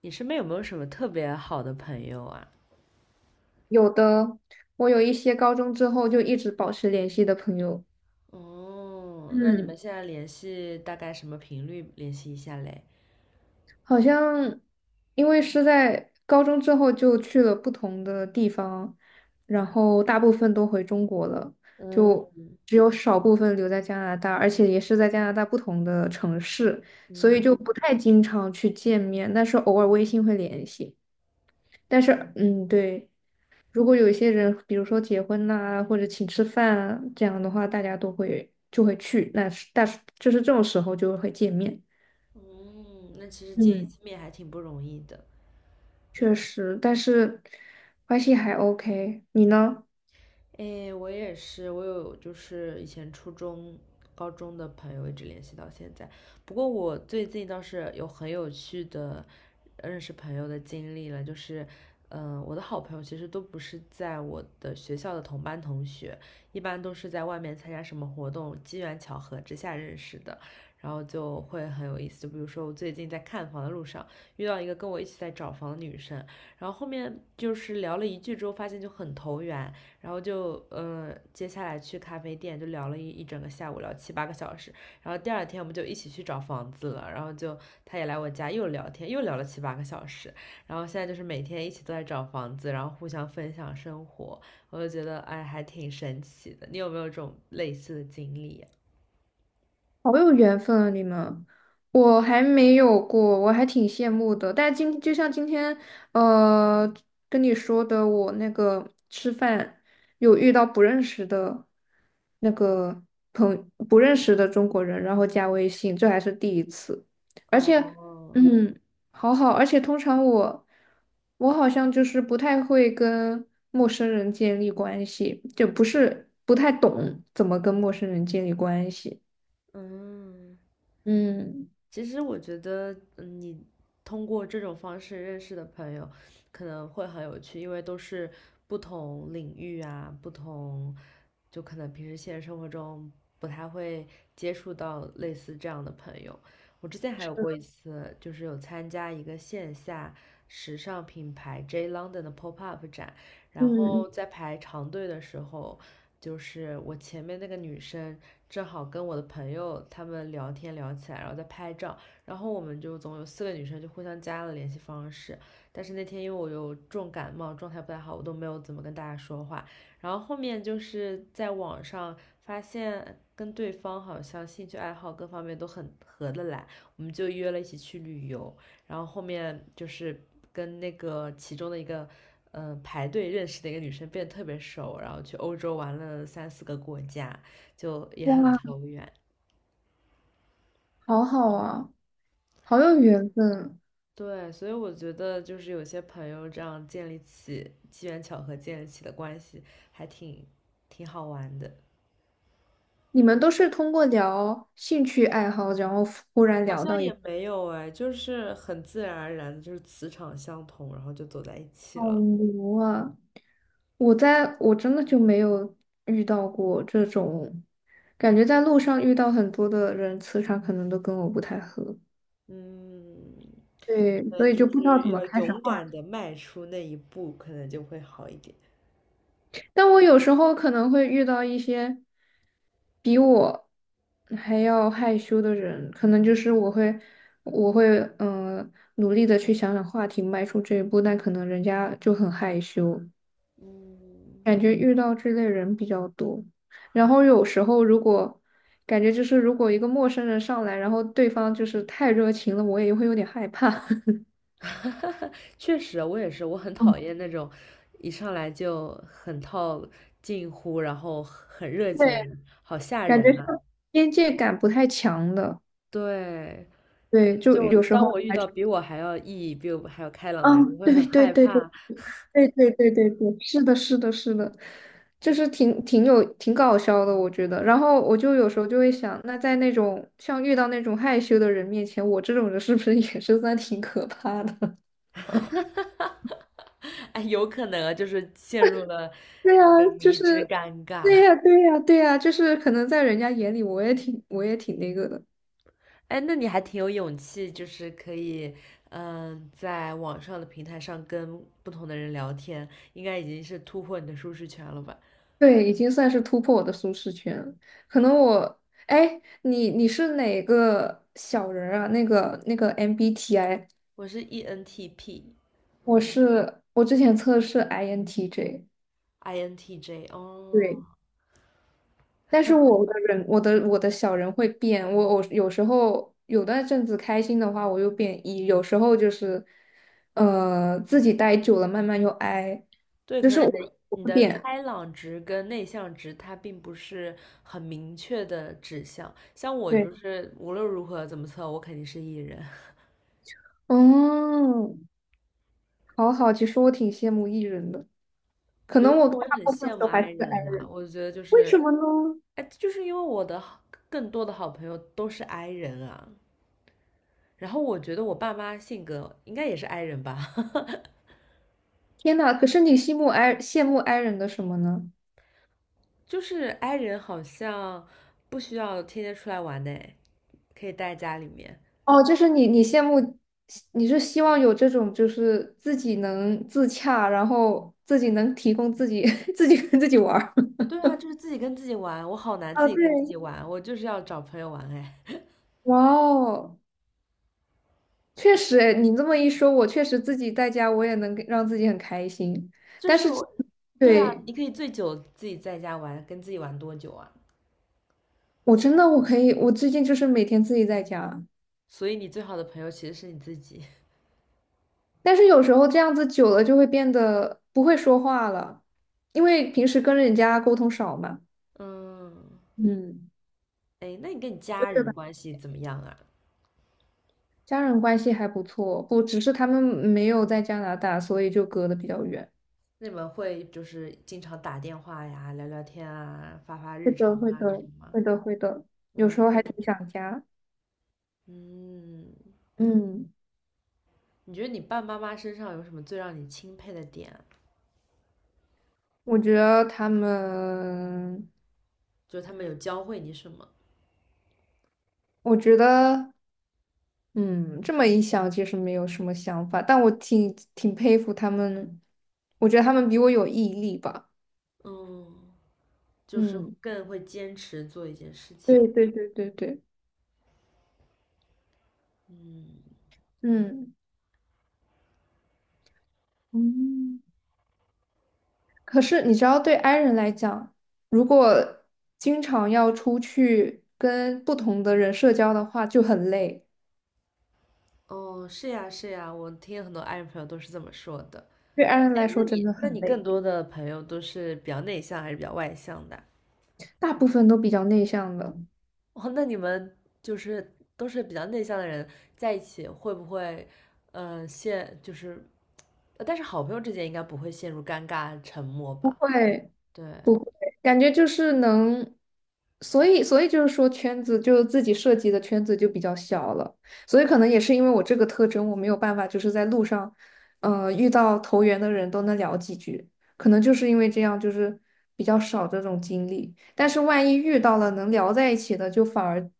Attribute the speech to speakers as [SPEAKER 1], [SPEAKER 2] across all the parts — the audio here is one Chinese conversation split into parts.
[SPEAKER 1] 你身边有没有什么特别好的朋友啊？
[SPEAKER 2] 有的，我有一些高中之后就一直保持联系的朋友。
[SPEAKER 1] 哦，那你们
[SPEAKER 2] 嗯，
[SPEAKER 1] 现在联系大概什么频率联系一下嘞？
[SPEAKER 2] 好像因为是在高中之后就去了不同的地方，然后大部分都回中国了，就
[SPEAKER 1] 嗯
[SPEAKER 2] 只有少部分留在加拿大，而且也是在加拿大不同的城市，所以
[SPEAKER 1] 嗯，
[SPEAKER 2] 就不太经常去见面，但是偶尔微信会联系。但是，对。如果有一些人，比如说结婚呐、或者请吃饭啊，这样的话，大家都会就会去，那是但是就是这种时候就会见面。
[SPEAKER 1] 嗯，那其实见一
[SPEAKER 2] 嗯，
[SPEAKER 1] 次面还挺不容易的。
[SPEAKER 2] 确实，但是关系还 OK，你呢？
[SPEAKER 1] 哎，我也是，我有就是以前初中、高中的朋友一直联系到现在。不过我最近倒是有很有趣的认识朋友的经历了，就是，我的好朋友其实都不是在我的学校的同班同学，一般都是在外面参加什么活动，机缘巧合之下认识的，然后就会很有意思。就比如说我最近在看房的路上遇到一个跟我一起在找房的女生，然后后面就是聊了一句之后，发现就很投缘，然后就嗯，接下来去咖啡店就聊了一整个下午，聊七八个小时。然后第二天我们就一起去找房子了，然后就他也来我家又聊天，又聊了七八个小时。然后现在就是每天一起都在找房子，然后互相分享生活，我就觉得哎，还挺神奇的。你有没有这种类似的经历
[SPEAKER 2] 好有缘分啊，你们。我还没有过，我还挺羡慕的。但就像今天，呃，跟你说的，我那个吃饭有遇到不认识的那个朋，不认识的中国人，然后加微信，这还是第一次。而且，
[SPEAKER 1] 哦，
[SPEAKER 2] 嗯，好好。而且通常我好像就是不太会跟陌生人建立关系，就不是不太懂怎么跟陌生人建立关系。
[SPEAKER 1] 嗯。
[SPEAKER 2] 嗯
[SPEAKER 1] 其实我觉得，嗯，你通过这种方式认识的朋友，可能会很有趣，因为都是不同领域啊，不同，就可能平时现实生活中不太会接触到类似这样的朋友。我之前还有
[SPEAKER 2] 嗯
[SPEAKER 1] 过一次，就是有参加一个线下时尚品牌 J London 的 pop up 展，然
[SPEAKER 2] 嗯，
[SPEAKER 1] 后
[SPEAKER 2] 嗯，
[SPEAKER 1] 在排长队的时候，就是我前面那个女生正好跟我的朋友他们聊天聊起来，然后在拍照，然后我们就总有四个女生就互相加了联系方式。但是那天因为我有重感冒，状态不太好，我都没有怎么跟大家说话。然后后面就是在网上发现跟对方好像兴趣爱好各方面都很合得来，我们就约了一起去旅游。然后后面就是跟那个其中的一个排队认识的一个女生变得特别熟，然后去欧洲玩了三四个国家，就也很
[SPEAKER 2] 哇，
[SPEAKER 1] 投缘。
[SPEAKER 2] 好好啊，好有缘分。
[SPEAKER 1] 对，所以我觉得就是有些朋友这样建立起机缘巧合建立起的关系，还挺好玩的。
[SPEAKER 2] 你们都是通过聊兴趣爱好，然后忽然
[SPEAKER 1] 好
[SPEAKER 2] 聊
[SPEAKER 1] 像
[SPEAKER 2] 到
[SPEAKER 1] 也
[SPEAKER 2] 。
[SPEAKER 1] 没有哎，就是很自然而然的，就是磁场相同，然后就走在一起
[SPEAKER 2] 好
[SPEAKER 1] 了。
[SPEAKER 2] 牛啊！我真的就没有遇到过这种，感觉在路上遇到很多的人，磁场可能都跟我不太合。
[SPEAKER 1] 嗯，
[SPEAKER 2] 对，所
[SPEAKER 1] 嗯，
[SPEAKER 2] 以
[SPEAKER 1] 就
[SPEAKER 2] 就不知道怎
[SPEAKER 1] 是
[SPEAKER 2] 么
[SPEAKER 1] 要
[SPEAKER 2] 开始画。
[SPEAKER 1] 勇敢的迈出那一步，可能就会好一点。
[SPEAKER 2] 但我有时候可能会遇到一些比我还要害羞的人，可能就是我会嗯、呃努力的去想想话题，迈出这一步，但可能人家就很害羞，
[SPEAKER 1] 嗯，
[SPEAKER 2] 感觉遇到这类人比较多。然后有时候如果感觉就是如果一个陌生人上来，然后对方就是太热情了，我也会有点害怕，
[SPEAKER 1] 确实，我也是，我很
[SPEAKER 2] 嗯，
[SPEAKER 1] 讨厌那种一上来就很套近乎，然后很热情的
[SPEAKER 2] 对，
[SPEAKER 1] 人，好吓
[SPEAKER 2] 感觉
[SPEAKER 1] 人
[SPEAKER 2] 是
[SPEAKER 1] 啊！
[SPEAKER 2] 边界感不太强的。
[SPEAKER 1] 对，
[SPEAKER 2] 对，就
[SPEAKER 1] 就
[SPEAKER 2] 有时
[SPEAKER 1] 当
[SPEAKER 2] 候
[SPEAKER 1] 我遇
[SPEAKER 2] 还
[SPEAKER 1] 到
[SPEAKER 2] 挺。
[SPEAKER 1] 比我还要意义、比我还要开朗的人，我
[SPEAKER 2] 嗯，
[SPEAKER 1] 会
[SPEAKER 2] 对
[SPEAKER 1] 很
[SPEAKER 2] 对
[SPEAKER 1] 害
[SPEAKER 2] 对对。
[SPEAKER 1] 怕。
[SPEAKER 2] 对对对对对，是的，是的，是的，就是挺搞笑的，我觉得。然后我就有时候就会想，那在那种像遇到那种害羞的人面前，我这种人是不是 也是算挺可怕的？
[SPEAKER 1] 哎，有可能啊，就是陷入了
[SPEAKER 2] 对呀，
[SPEAKER 1] 那个
[SPEAKER 2] 就
[SPEAKER 1] 迷之
[SPEAKER 2] 是，
[SPEAKER 1] 尴
[SPEAKER 2] 对呀，
[SPEAKER 1] 尬。
[SPEAKER 2] 对呀，对呀，就是可能在人家眼里，我也挺那个的。
[SPEAKER 1] 哎，那你还挺有勇气，就是可以，在网上的平台上跟不同的人聊天，应该已经是突破你的舒适圈了吧？
[SPEAKER 2] 对，已经算是突破我的舒适圈了。可能我，哎，你是哪个小人儿啊？那个 MBTI。
[SPEAKER 1] 我是 ENTP，INTJ，
[SPEAKER 2] 我之前测试 INTJ，
[SPEAKER 1] 哦，
[SPEAKER 2] 对，但是我的小人会变，我有时候有段阵子开心的话，我又变 E，有时候就是，自己待久了慢慢又 I，
[SPEAKER 1] 对，
[SPEAKER 2] 就
[SPEAKER 1] 可
[SPEAKER 2] 是
[SPEAKER 1] 能你的
[SPEAKER 2] 我
[SPEAKER 1] 你
[SPEAKER 2] 会
[SPEAKER 1] 的
[SPEAKER 2] 变。
[SPEAKER 1] 开朗值跟内向值它并不是很明确的指向，像我就
[SPEAKER 2] 对，
[SPEAKER 1] 是无论如何怎么测，我肯定是 E 人。
[SPEAKER 2] 嗯，好好。其实我挺羡慕 E 人的，可
[SPEAKER 1] 有
[SPEAKER 2] 能
[SPEAKER 1] 时
[SPEAKER 2] 我
[SPEAKER 1] 候我
[SPEAKER 2] 大
[SPEAKER 1] 也很
[SPEAKER 2] 部分
[SPEAKER 1] 羡
[SPEAKER 2] 时
[SPEAKER 1] 慕
[SPEAKER 2] 候还
[SPEAKER 1] I
[SPEAKER 2] 是个 I，
[SPEAKER 1] 人啦，我觉得就
[SPEAKER 2] 为
[SPEAKER 1] 是，
[SPEAKER 2] 什么呢？
[SPEAKER 1] 哎，就是因为我的好更多的好朋友都是 I 人啊，然后我觉得我爸妈性格应该也是 i 人吧，
[SPEAKER 2] 天呐，可是你羡慕 I 人的什么呢？
[SPEAKER 1] 就是 i 人好像不需要天天出来玩呢，可以待在家里面。
[SPEAKER 2] 哦，就是你，你羡慕，你是希望有这种，就是自己能自洽，然后自己能提供自己，自己跟自己玩儿。
[SPEAKER 1] 对啊，就是自己跟自己玩，我好难
[SPEAKER 2] 啊，
[SPEAKER 1] 自己
[SPEAKER 2] 对，
[SPEAKER 1] 跟自己玩，我就是要找朋友玩哎。
[SPEAKER 2] 哇哦，确实哎，诶你这么一说，我确实自己在家，我也能让自己很开心。
[SPEAKER 1] 就
[SPEAKER 2] 但
[SPEAKER 1] 是
[SPEAKER 2] 是这
[SPEAKER 1] 我，对啊，
[SPEAKER 2] 对，
[SPEAKER 1] 你可以最久自己在家玩，跟自己玩多久啊？
[SPEAKER 2] 我真的我可以，我最近就是每天自己在家，
[SPEAKER 1] 所以你最好的朋友其实是你自己。
[SPEAKER 2] 但是有时候这样子久了就会变得不会说话了，因为平时跟人家沟通少嘛。
[SPEAKER 1] 嗯，
[SPEAKER 2] 嗯，
[SPEAKER 1] 哎，那你跟你家
[SPEAKER 2] 对
[SPEAKER 1] 人
[SPEAKER 2] 吧？
[SPEAKER 1] 关系怎么样啊？
[SPEAKER 2] 家人关系还不错，不，只是他们没有在加拿大，所以就隔得比较远。
[SPEAKER 1] 那你们会就是经常打电话呀，聊聊天啊，发发
[SPEAKER 2] 会
[SPEAKER 1] 日
[SPEAKER 2] 的，
[SPEAKER 1] 常
[SPEAKER 2] 会
[SPEAKER 1] 啊这
[SPEAKER 2] 的，
[SPEAKER 1] 种吗？
[SPEAKER 2] 会的，会的，有
[SPEAKER 1] 嗯
[SPEAKER 2] 时候还挺想家。
[SPEAKER 1] 嗯，
[SPEAKER 2] 嗯，
[SPEAKER 1] 你觉得你爸爸妈妈身上有什么最让你钦佩的点啊
[SPEAKER 2] 我觉得他们，
[SPEAKER 1] 就是他们有教会你什么？
[SPEAKER 2] 我觉得，嗯，这么一想，其实没有什么想法，但我挺佩服他们，我觉得他们比我有毅力吧。
[SPEAKER 1] 嗯，就是
[SPEAKER 2] 嗯，
[SPEAKER 1] 更会坚持做一件事
[SPEAKER 2] 对
[SPEAKER 1] 情。
[SPEAKER 2] 对对对对，
[SPEAKER 1] 嗯，
[SPEAKER 2] 嗯。嗯。可是你知道，对 i 人来讲，如果经常要出去跟不同的人社交的话，就很累。
[SPEAKER 1] 哦，是呀是呀，我听很多爱人朋友都是这么说的。
[SPEAKER 2] 对 i 人
[SPEAKER 1] 哎，
[SPEAKER 2] 来
[SPEAKER 1] 那
[SPEAKER 2] 说真
[SPEAKER 1] 你
[SPEAKER 2] 的
[SPEAKER 1] 那
[SPEAKER 2] 很
[SPEAKER 1] 你更
[SPEAKER 2] 累。
[SPEAKER 1] 多的朋友都是比较内向还是比较外向的啊
[SPEAKER 2] 大部分都比较内向的。
[SPEAKER 1] 哦，那你们就是都是比较内向的人在一起，会不会，呃，陷就是，呃但是好朋友之间应该不会陷入尴尬沉默
[SPEAKER 2] 不
[SPEAKER 1] 吧？
[SPEAKER 2] 会
[SPEAKER 1] 对，
[SPEAKER 2] 不会，感觉就是能，所以就是说圈子就自己设计的圈子就比较小了，所以可能也是因为我这个特征，我没有办法就是在路上，遇到投缘的人都能聊几句，可能就是因为这样就是比较少这种经历，但是万一遇到了能聊在一起的，就反而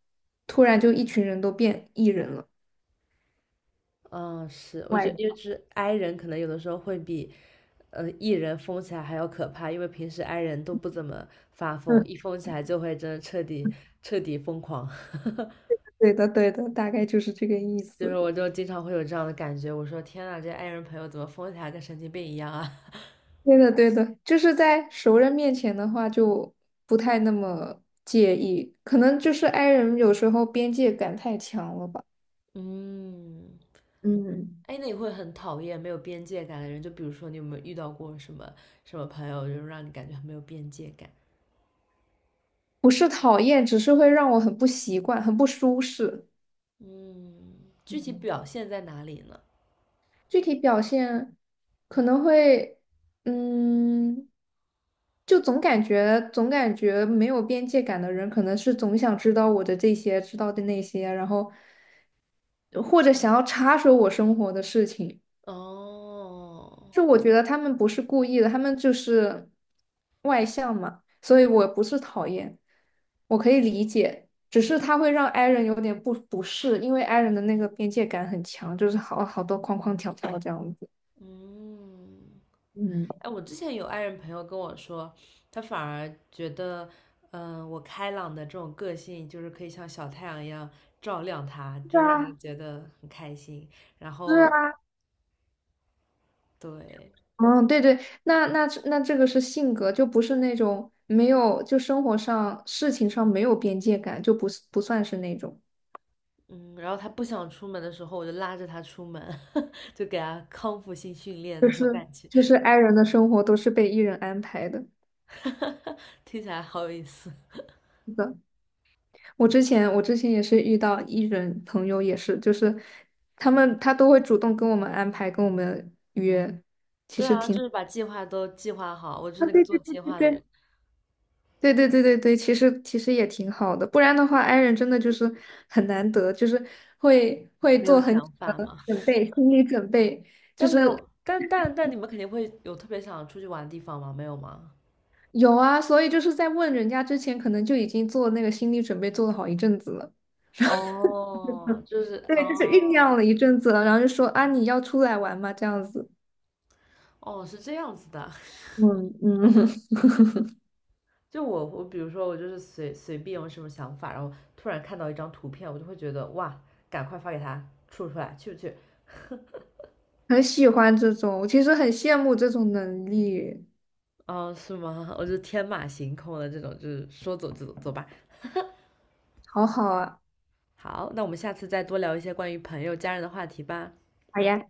[SPEAKER 2] 突然就一群人都变 E 人了。
[SPEAKER 1] 嗯，是，我觉
[SPEAKER 2] 外
[SPEAKER 1] 得，因为
[SPEAKER 2] 向
[SPEAKER 1] 就是 i 人可能有的时候会比，呃，e 人疯起来还要可怕，因为平时 i 人都不怎么发疯，
[SPEAKER 2] 嗯，
[SPEAKER 1] 一疯起来就会真的彻底疯狂。
[SPEAKER 2] 对的对的，大概就是这个意
[SPEAKER 1] 就是
[SPEAKER 2] 思。
[SPEAKER 1] 我就经常会有这样的感觉，我说天呐，这 i 人朋友怎么疯起来跟神经病一样啊？
[SPEAKER 2] 对的，对的，就是在熟人面前的话，就不太那么介意，可能就是 i 人有时候边界感太强了吧。
[SPEAKER 1] 嗯，
[SPEAKER 2] 嗯。
[SPEAKER 1] 哎，那你会很讨厌没有边界感的人？就比如说，你有没有遇到过什么朋友，就是让你感觉很没有边界感？
[SPEAKER 2] 不是讨厌，只是会让我很不习惯，很不舒适。
[SPEAKER 1] 嗯，具体
[SPEAKER 2] 嗯。
[SPEAKER 1] 表现在哪里呢？
[SPEAKER 2] 具体表现可能会。嗯，就总感觉没有边界感的人，可能是总想知道我的这些，知道的那些，然后或者想要插手我生活的事情。
[SPEAKER 1] 哦，
[SPEAKER 2] 就我觉得他们不是故意的，他们就是外向嘛，所以我不是讨厌，我可以理解，只是他会让 i 人有点不适，因为 i 人的那个边界感很强，就是好多框框条条这样子。
[SPEAKER 1] 嗯，
[SPEAKER 2] 嗯，
[SPEAKER 1] 哎，我之前有爱人朋友跟我说，他反而觉得，我开朗的这种个性，就是可以像小太阳一样照亮他，
[SPEAKER 2] 是
[SPEAKER 1] 就让他
[SPEAKER 2] 啊，
[SPEAKER 1] 觉得很开心。然
[SPEAKER 2] 是
[SPEAKER 1] 后，
[SPEAKER 2] 啊，
[SPEAKER 1] 对，
[SPEAKER 2] 嗯，对对，那这个是性格，就不是那种没有，就生活上事情上没有边界感，就不是不算是那种，
[SPEAKER 1] 嗯，然后他不想出门的时候，我就拉着他出门，就给他康复性训练
[SPEAKER 2] 就
[SPEAKER 1] 那种
[SPEAKER 2] 是
[SPEAKER 1] 感觉，
[SPEAKER 2] 就是 i 人的生活都是被 e 人安排的。
[SPEAKER 1] 听起来好有意思。
[SPEAKER 2] 是的。我之前也是遇到艺人朋友，也是就是他都会主动跟我们安排，跟我们约。
[SPEAKER 1] 对啊，就是把计划都计划好，我就是
[SPEAKER 2] 啊，
[SPEAKER 1] 那个
[SPEAKER 2] 对
[SPEAKER 1] 做
[SPEAKER 2] 对对
[SPEAKER 1] 计
[SPEAKER 2] 对
[SPEAKER 1] 划的人，
[SPEAKER 2] 对。对对对对对，其实也挺好的，不然的话，i 人真的就是很难得，就是会
[SPEAKER 1] 没有
[SPEAKER 2] 做很
[SPEAKER 1] 想
[SPEAKER 2] 久
[SPEAKER 1] 法
[SPEAKER 2] 的
[SPEAKER 1] 嘛。
[SPEAKER 2] 准备，心理准备。就
[SPEAKER 1] 但没
[SPEAKER 2] 是
[SPEAKER 1] 有，但你们肯定会有特别想出去玩的地方吗？没有吗？
[SPEAKER 2] 有啊，所以就是在问人家之前，可能就已经做那个心理准备做了好一阵子了，
[SPEAKER 1] 哦，就是
[SPEAKER 2] 对，就是酝
[SPEAKER 1] 哦
[SPEAKER 2] 酿了一阵子了，然后就说啊，你要出来玩吗？这样子。
[SPEAKER 1] 哦，是这样子的。
[SPEAKER 2] 嗯嗯，
[SPEAKER 1] 就我比如说我就是随随便有什么想法，然后突然看到一张图片，我就会觉得哇，赶快发给他出来，去不去？
[SPEAKER 2] 很喜欢这种，我其实很羡慕这种能力，
[SPEAKER 1] 哦，是吗？我就天马行空的这种，就是说走就走，走吧。
[SPEAKER 2] 好好啊！
[SPEAKER 1] 好，那我们下次再多聊一些关于朋友、家人的话题吧。
[SPEAKER 2] 好呀。